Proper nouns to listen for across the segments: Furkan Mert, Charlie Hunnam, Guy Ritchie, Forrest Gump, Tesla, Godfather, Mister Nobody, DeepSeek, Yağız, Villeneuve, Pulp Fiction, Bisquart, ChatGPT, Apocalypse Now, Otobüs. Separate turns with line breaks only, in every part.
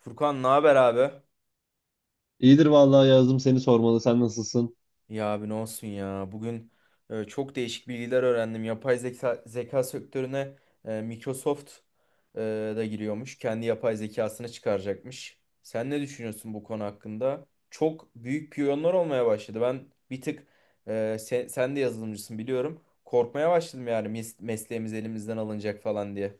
Furkan ne haber abi?
İyidir vallahi yazdım seni sormalı. Sen nasılsın?
Ya abi ne olsun ya. Bugün çok değişik bilgiler öğrendim. Yapay zeka, zeka sektörüne Microsoft e, da giriyormuş. Kendi yapay zekasını çıkaracakmış. Sen ne düşünüyorsun bu konu hakkında? Çok büyük piyonlar olmaya başladı. Ben bir tık sen de yazılımcısın biliyorum. Korkmaya başladım yani mesleğimiz elimizden alınacak falan diye.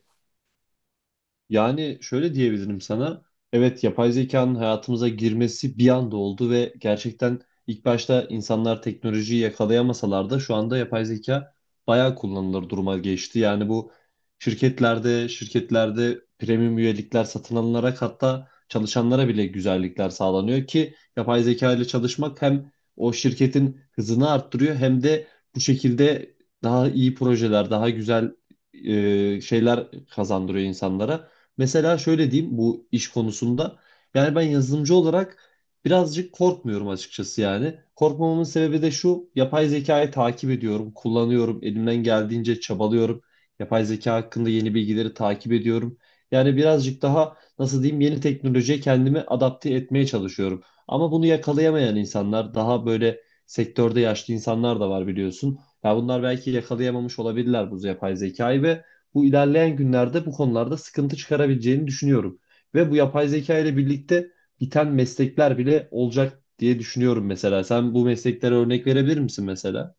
Yani şöyle diyebilirim sana. Evet yapay zekanın hayatımıza girmesi bir anda oldu ve gerçekten ilk başta insanlar teknolojiyi yakalayamasalar da şu anda yapay zeka bayağı kullanılır duruma geçti. Yani bu şirketlerde premium üyelikler satın alınarak hatta çalışanlara bile güzellikler sağlanıyor ki yapay zeka ile çalışmak hem o şirketin hızını arttırıyor, hem de bu şekilde daha iyi projeler, daha güzel şeyler kazandırıyor insanlara. Mesela şöyle diyeyim bu iş konusunda. Yani ben yazılımcı olarak birazcık korkmuyorum açıkçası yani. Korkmamamın sebebi de şu: yapay zekayı takip ediyorum, kullanıyorum, elimden geldiğince çabalıyorum. Yapay zeka hakkında yeni bilgileri takip ediyorum. Yani birazcık daha nasıl diyeyim, yeni teknolojiye kendimi adapte etmeye çalışıyorum. Ama bunu yakalayamayan insanlar, daha böyle sektörde yaşlı insanlar da var biliyorsun. Ya bunlar belki yakalayamamış olabilirler bu yapay zekayı ve bu ilerleyen günlerde bu konularda sıkıntı çıkarabileceğini düşünüyorum. Ve bu yapay zeka ile birlikte biten meslekler bile olacak diye düşünüyorum mesela. Sen bu mesleklere örnek verebilir misin mesela?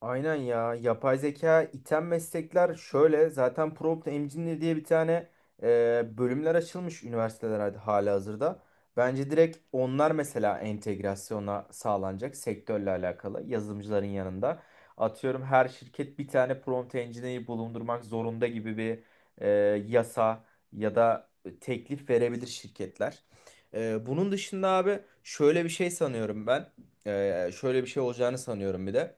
Aynen ya. Yapay zeka iten meslekler şöyle. Zaten prompt engineer diye bir tane bölümler açılmış üniversiteler hali hazırda. Bence direkt onlar mesela entegrasyona sağlanacak sektörle alakalı yazılımcıların yanında. Atıyorum her şirket bir tane prompt engineer'i bulundurmak zorunda gibi bir e, yasa ya da teklif verebilir şirketler. Bunun dışında abi şöyle bir şey sanıyorum ben. Şöyle bir şey olacağını sanıyorum bir de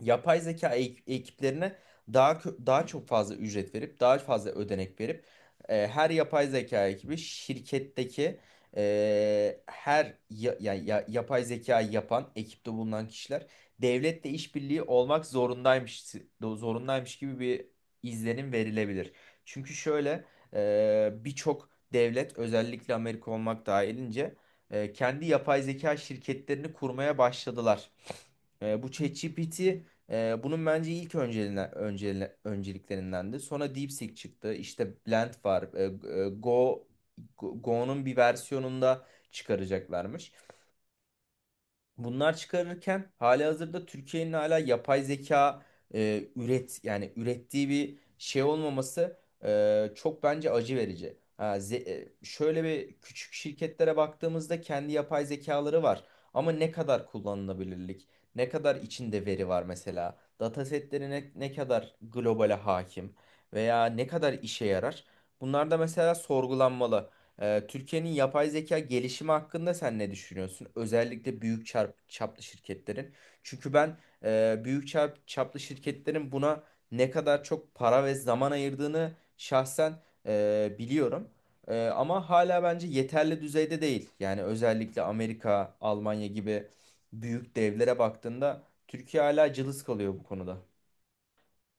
yapay zeka ekiplerine daha çok fazla ücret verip daha fazla ödenek verip her yapay zeka ekibi şirketteki her yapay zeka yapan ekipte bulunan kişiler devletle işbirliği olmak zorundaymış gibi bir izlenim verilebilir. Çünkü şöyle birçok devlet özellikle Amerika olmak dahilince kendi yapay zeka şirketlerini kurmaya başladılar. Bu ChatGPT bunun bence ilk önceliklerindendi. Sonra DeepSeek çıktı. İşte Blend var. E, Go, Go'nun bir versiyonunda çıkaracaklarmış. Bunlar çıkarırken halihazırda Türkiye'nin hala yapay zeka e, üret yani ürettiği bir şey olmaması çok bence acı verici. Şöyle bir küçük şirketlere baktığımızda kendi yapay zekaları var ama ne kadar kullanılabilirlik, ne kadar içinde veri var mesela, datasetleri ne kadar globale hakim veya ne kadar işe yarar? Bunlar da mesela sorgulanmalı. Türkiye'nin yapay zeka gelişimi hakkında sen ne düşünüyorsun? Özellikle büyük çaplı şirketlerin. Çünkü ben büyük çaplı şirketlerin buna ne kadar çok para ve zaman ayırdığını şahsen biliyorum. Ama hala bence yeterli düzeyde değil. Yani özellikle Amerika, Almanya gibi büyük devlere baktığında Türkiye hala cılız kalıyor bu konuda.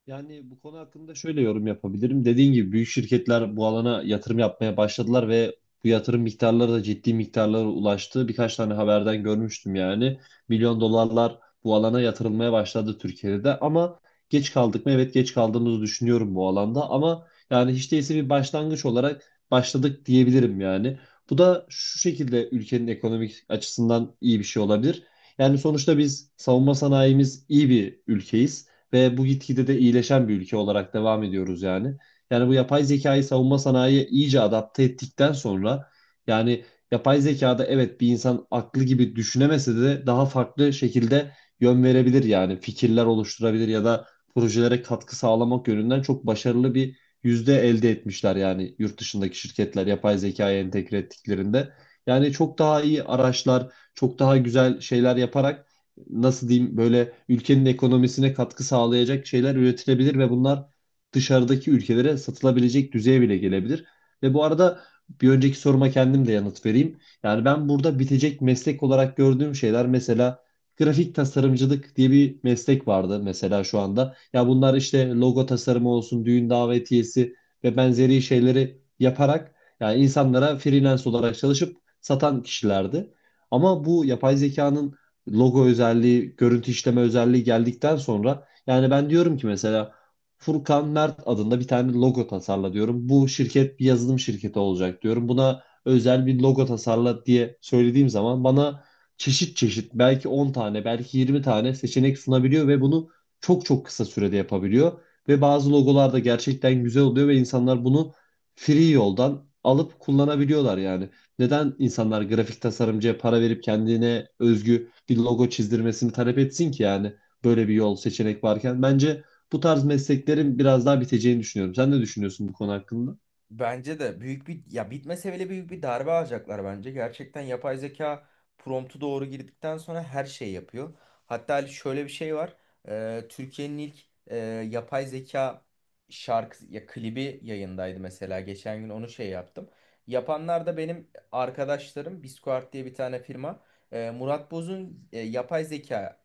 Yani bu konu hakkında şöyle yorum yapabilirim. Dediğin gibi büyük şirketler bu alana yatırım yapmaya başladılar ve bu yatırım miktarları da ciddi miktarlara ulaştı. Birkaç tane haberden görmüştüm yani. Milyon dolarlar bu alana yatırılmaya başladı Türkiye'de de, ama geç kaldık mı? Evet, geç kaldığımızı düşünüyorum bu alanda, ama yani hiç değilse bir başlangıç olarak başladık diyebilirim yani. Bu da şu şekilde ülkenin ekonomik açısından iyi bir şey olabilir. Yani sonuçta biz savunma sanayimiz iyi bir ülkeyiz ve bu gitgide de iyileşen bir ülke olarak devam ediyoruz yani. Yani bu yapay zekayı savunma sanayiye iyice adapte ettikten sonra yani yapay zekada, evet, bir insan aklı gibi düşünemese de daha farklı şekilde yön verebilir, yani fikirler oluşturabilir ya da projelere katkı sağlamak yönünden çok başarılı bir yüzde elde etmişler yani, yurt dışındaki şirketler yapay zekaya entegre ettiklerinde. Yani çok daha iyi araçlar, çok daha güzel şeyler yaparak, nasıl diyeyim, böyle ülkenin ekonomisine katkı sağlayacak şeyler üretilebilir ve bunlar dışarıdaki ülkelere satılabilecek düzeye bile gelebilir. Ve bu arada, bir önceki soruma kendim de yanıt vereyim. Yani ben burada bitecek meslek olarak gördüğüm şeyler, mesela grafik tasarımcılık diye bir meslek vardı mesela şu anda. Ya bunlar işte logo tasarımı olsun, düğün davetiyesi ve benzeri şeyleri yaparak yani insanlara freelance olarak çalışıp satan kişilerdi. Ama bu yapay zekanın logo özelliği, görüntü işleme özelliği geldikten sonra yani ben diyorum ki mesela, Furkan Mert adında bir tane logo tasarla diyorum. Bu şirket bir yazılım şirketi olacak diyorum. Buna özel bir logo tasarla diye söylediğim zaman bana çeşit çeşit, belki 10 tane, belki 20 tane seçenek sunabiliyor ve bunu çok çok kısa sürede yapabiliyor. Ve bazı logolar da gerçekten güzel oluyor ve insanlar bunu free yoldan alıp kullanabiliyorlar yani. Neden insanlar grafik tasarımcıya para verip kendine özgü bir logo çizdirmesini talep etsin ki yani, böyle bir yol seçenek varken? Bence bu tarz mesleklerin biraz daha biteceğini düşünüyorum. Sen ne düşünüyorsun bu konu hakkında?
Bence de büyük bir ya bitmese bile büyük bir darbe alacaklar bence. Gerçekten yapay zeka promptu doğru girdikten sonra her şeyi yapıyor. Hatta Ali şöyle bir şey var. Türkiye'nin ilk e, yapay zeka şarkı ya klibi yayındaydı mesela. Geçen gün onu şey yaptım. Yapanlar da benim arkadaşlarım. Bisquart diye bir tane firma. Murat Boz'un yapay zeka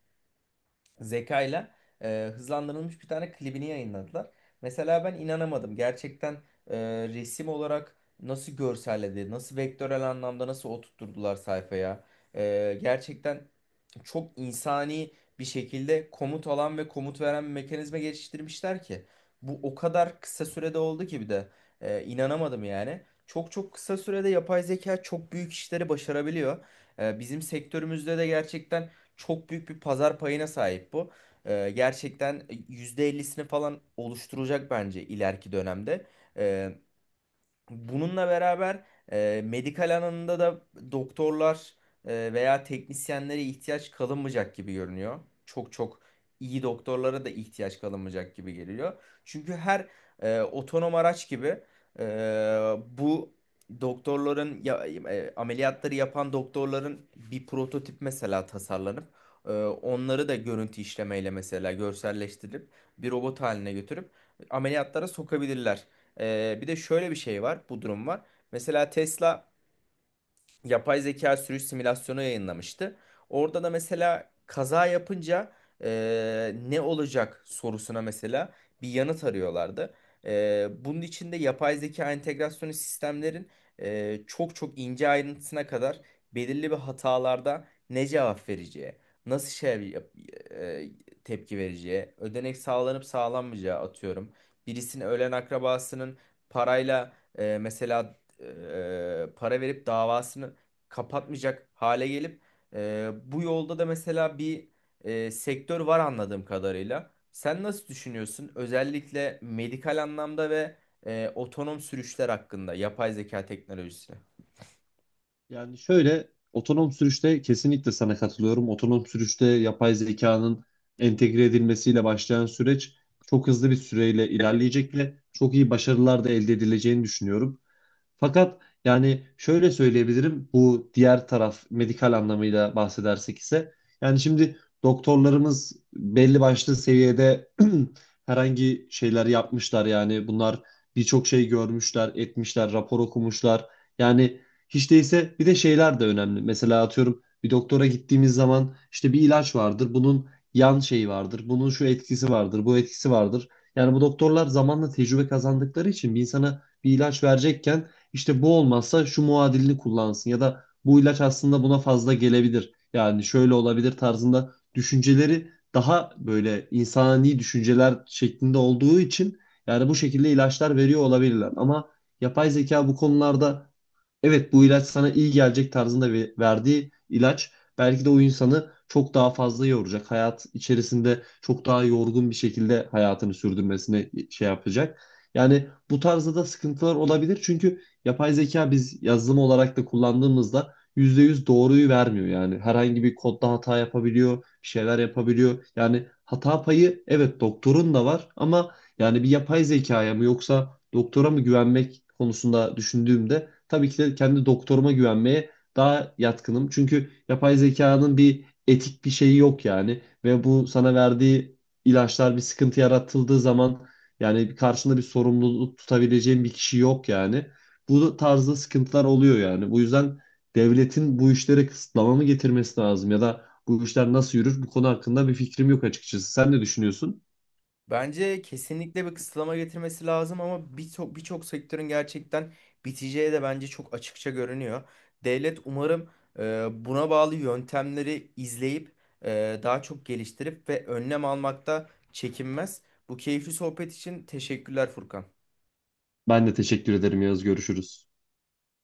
zekayla hızlandırılmış bir tane klibini yayınladılar. Mesela ben inanamadım. Gerçekten e, resim olarak nasıl görselledi, nasıl vektörel anlamda nasıl oturtturdular sayfaya. Gerçekten çok insani bir şekilde komut alan ve komut veren bir mekanizma geliştirmişler ki. Bu o kadar kısa sürede oldu ki bir de inanamadım yani. Çok çok kısa sürede yapay zeka çok büyük işleri başarabiliyor. Bizim sektörümüzde de gerçekten çok büyük bir pazar payına sahip bu. Gerçekten %50'sini falan oluşturacak bence ileriki dönemde. Ee, Bununla beraber medikal alanında da doktorlar veya teknisyenlere ihtiyaç kalınmayacak gibi görünüyor. Çok çok iyi doktorlara da ihtiyaç kalınmayacak gibi geliyor. Çünkü her otonom araç gibi e, bu ameliyatları yapan doktorların bir prototip mesela tasarlanıp onları da görüntü işlemeyle mesela görselleştirip bir robot haline götürüp ameliyatlara sokabilirler. Bir de şöyle bir şey var, bu durum var. Mesela Tesla yapay zeka sürüş simülasyonu yayınlamıştı. Orada da mesela kaza yapınca ne olacak sorusuna mesela bir yanıt arıyorlardı. Bunun içinde yapay zeka entegrasyonu sistemlerin çok çok ince ayrıntısına kadar belirli bir hatalarda ne cevap vereceği, nasıl şey yap- eee, tepki vereceği, ödenek sağlanıp sağlanmayacağı atıyorum. Birisinin ölen akrabasının parayla mesela para verip davasını kapatmayacak hale gelip bu yolda da mesela bir sektör var anladığım kadarıyla. Sen nasıl düşünüyorsun? Özellikle medikal anlamda ve otonom sürüşler hakkında yapay zeka teknolojisine.
Yani, şöyle otonom sürüşte kesinlikle sana katılıyorum. Otonom sürüşte yapay zekanın entegre edilmesiyle başlayan süreç çok hızlı bir süreyle ilerleyecek ve çok iyi başarılar da elde edileceğini düşünüyorum. Fakat yani şöyle söyleyebilirim, bu diğer taraf medikal anlamıyla bahsedersek ise yani şimdi doktorlarımız belli başlı seviyede herhangi şeyler yapmışlar, yani bunlar birçok şey görmüşler, etmişler, rapor okumuşlar. Yani hiç değilse bir de şeyler de önemli. Mesela atıyorum, bir doktora gittiğimiz zaman işte bir ilaç vardır. Bunun yan şeyi vardır. Bunun şu etkisi vardır, bu etkisi vardır. Yani bu doktorlar zamanla tecrübe kazandıkları için bir insana bir ilaç verecekken işte bu olmazsa şu muadilini kullansın ya da bu ilaç aslında buna fazla gelebilir, yani şöyle olabilir tarzında düşünceleri daha böyle insani düşünceler şeklinde olduğu için yani bu şekilde ilaçlar veriyor olabilirler. Ama yapay zeka bu konularda, evet bu ilaç sana iyi gelecek tarzında verdiği ilaç belki de o insanı çok daha fazla yoracak. Hayat içerisinde çok daha yorgun bir şekilde hayatını sürdürmesine şey yapacak. Yani bu tarzda da sıkıntılar olabilir. Çünkü yapay zeka biz yazılım olarak da kullandığımızda %100 doğruyu vermiyor. Yani herhangi bir kodda hata yapabiliyor, bir şeyler yapabiliyor. Yani hata payı, evet, doktorun da var, ama yani bir yapay zekaya mı yoksa doktora mı güvenmek konusunda düşündüğümde tabii ki de kendi doktoruma güvenmeye daha yatkınım. Çünkü yapay zekanın bir etik bir şeyi yok yani. Ve bu sana verdiği ilaçlar bir sıkıntı yaratıldığı zaman yani karşında bir sorumluluk tutabileceğin bir kişi yok yani. Bu tarzda sıkıntılar oluyor yani. Bu yüzden devletin bu işlere kısıtlama mı getirmesi lazım ya da bu işler nasıl yürür, bu konu hakkında bir fikrim yok açıkçası. Sen ne düşünüyorsun?
Bence kesinlikle bir kısıtlama getirmesi lazım ama birçok birçok sektörün gerçekten biteceği de bence çok açıkça görünüyor. Devlet umarım buna bağlı yöntemleri izleyip daha çok geliştirip ve önlem almakta çekinmez. Bu keyifli sohbet için teşekkürler Furkan.
Ben de teşekkür ederim Yağız. Görüşürüz.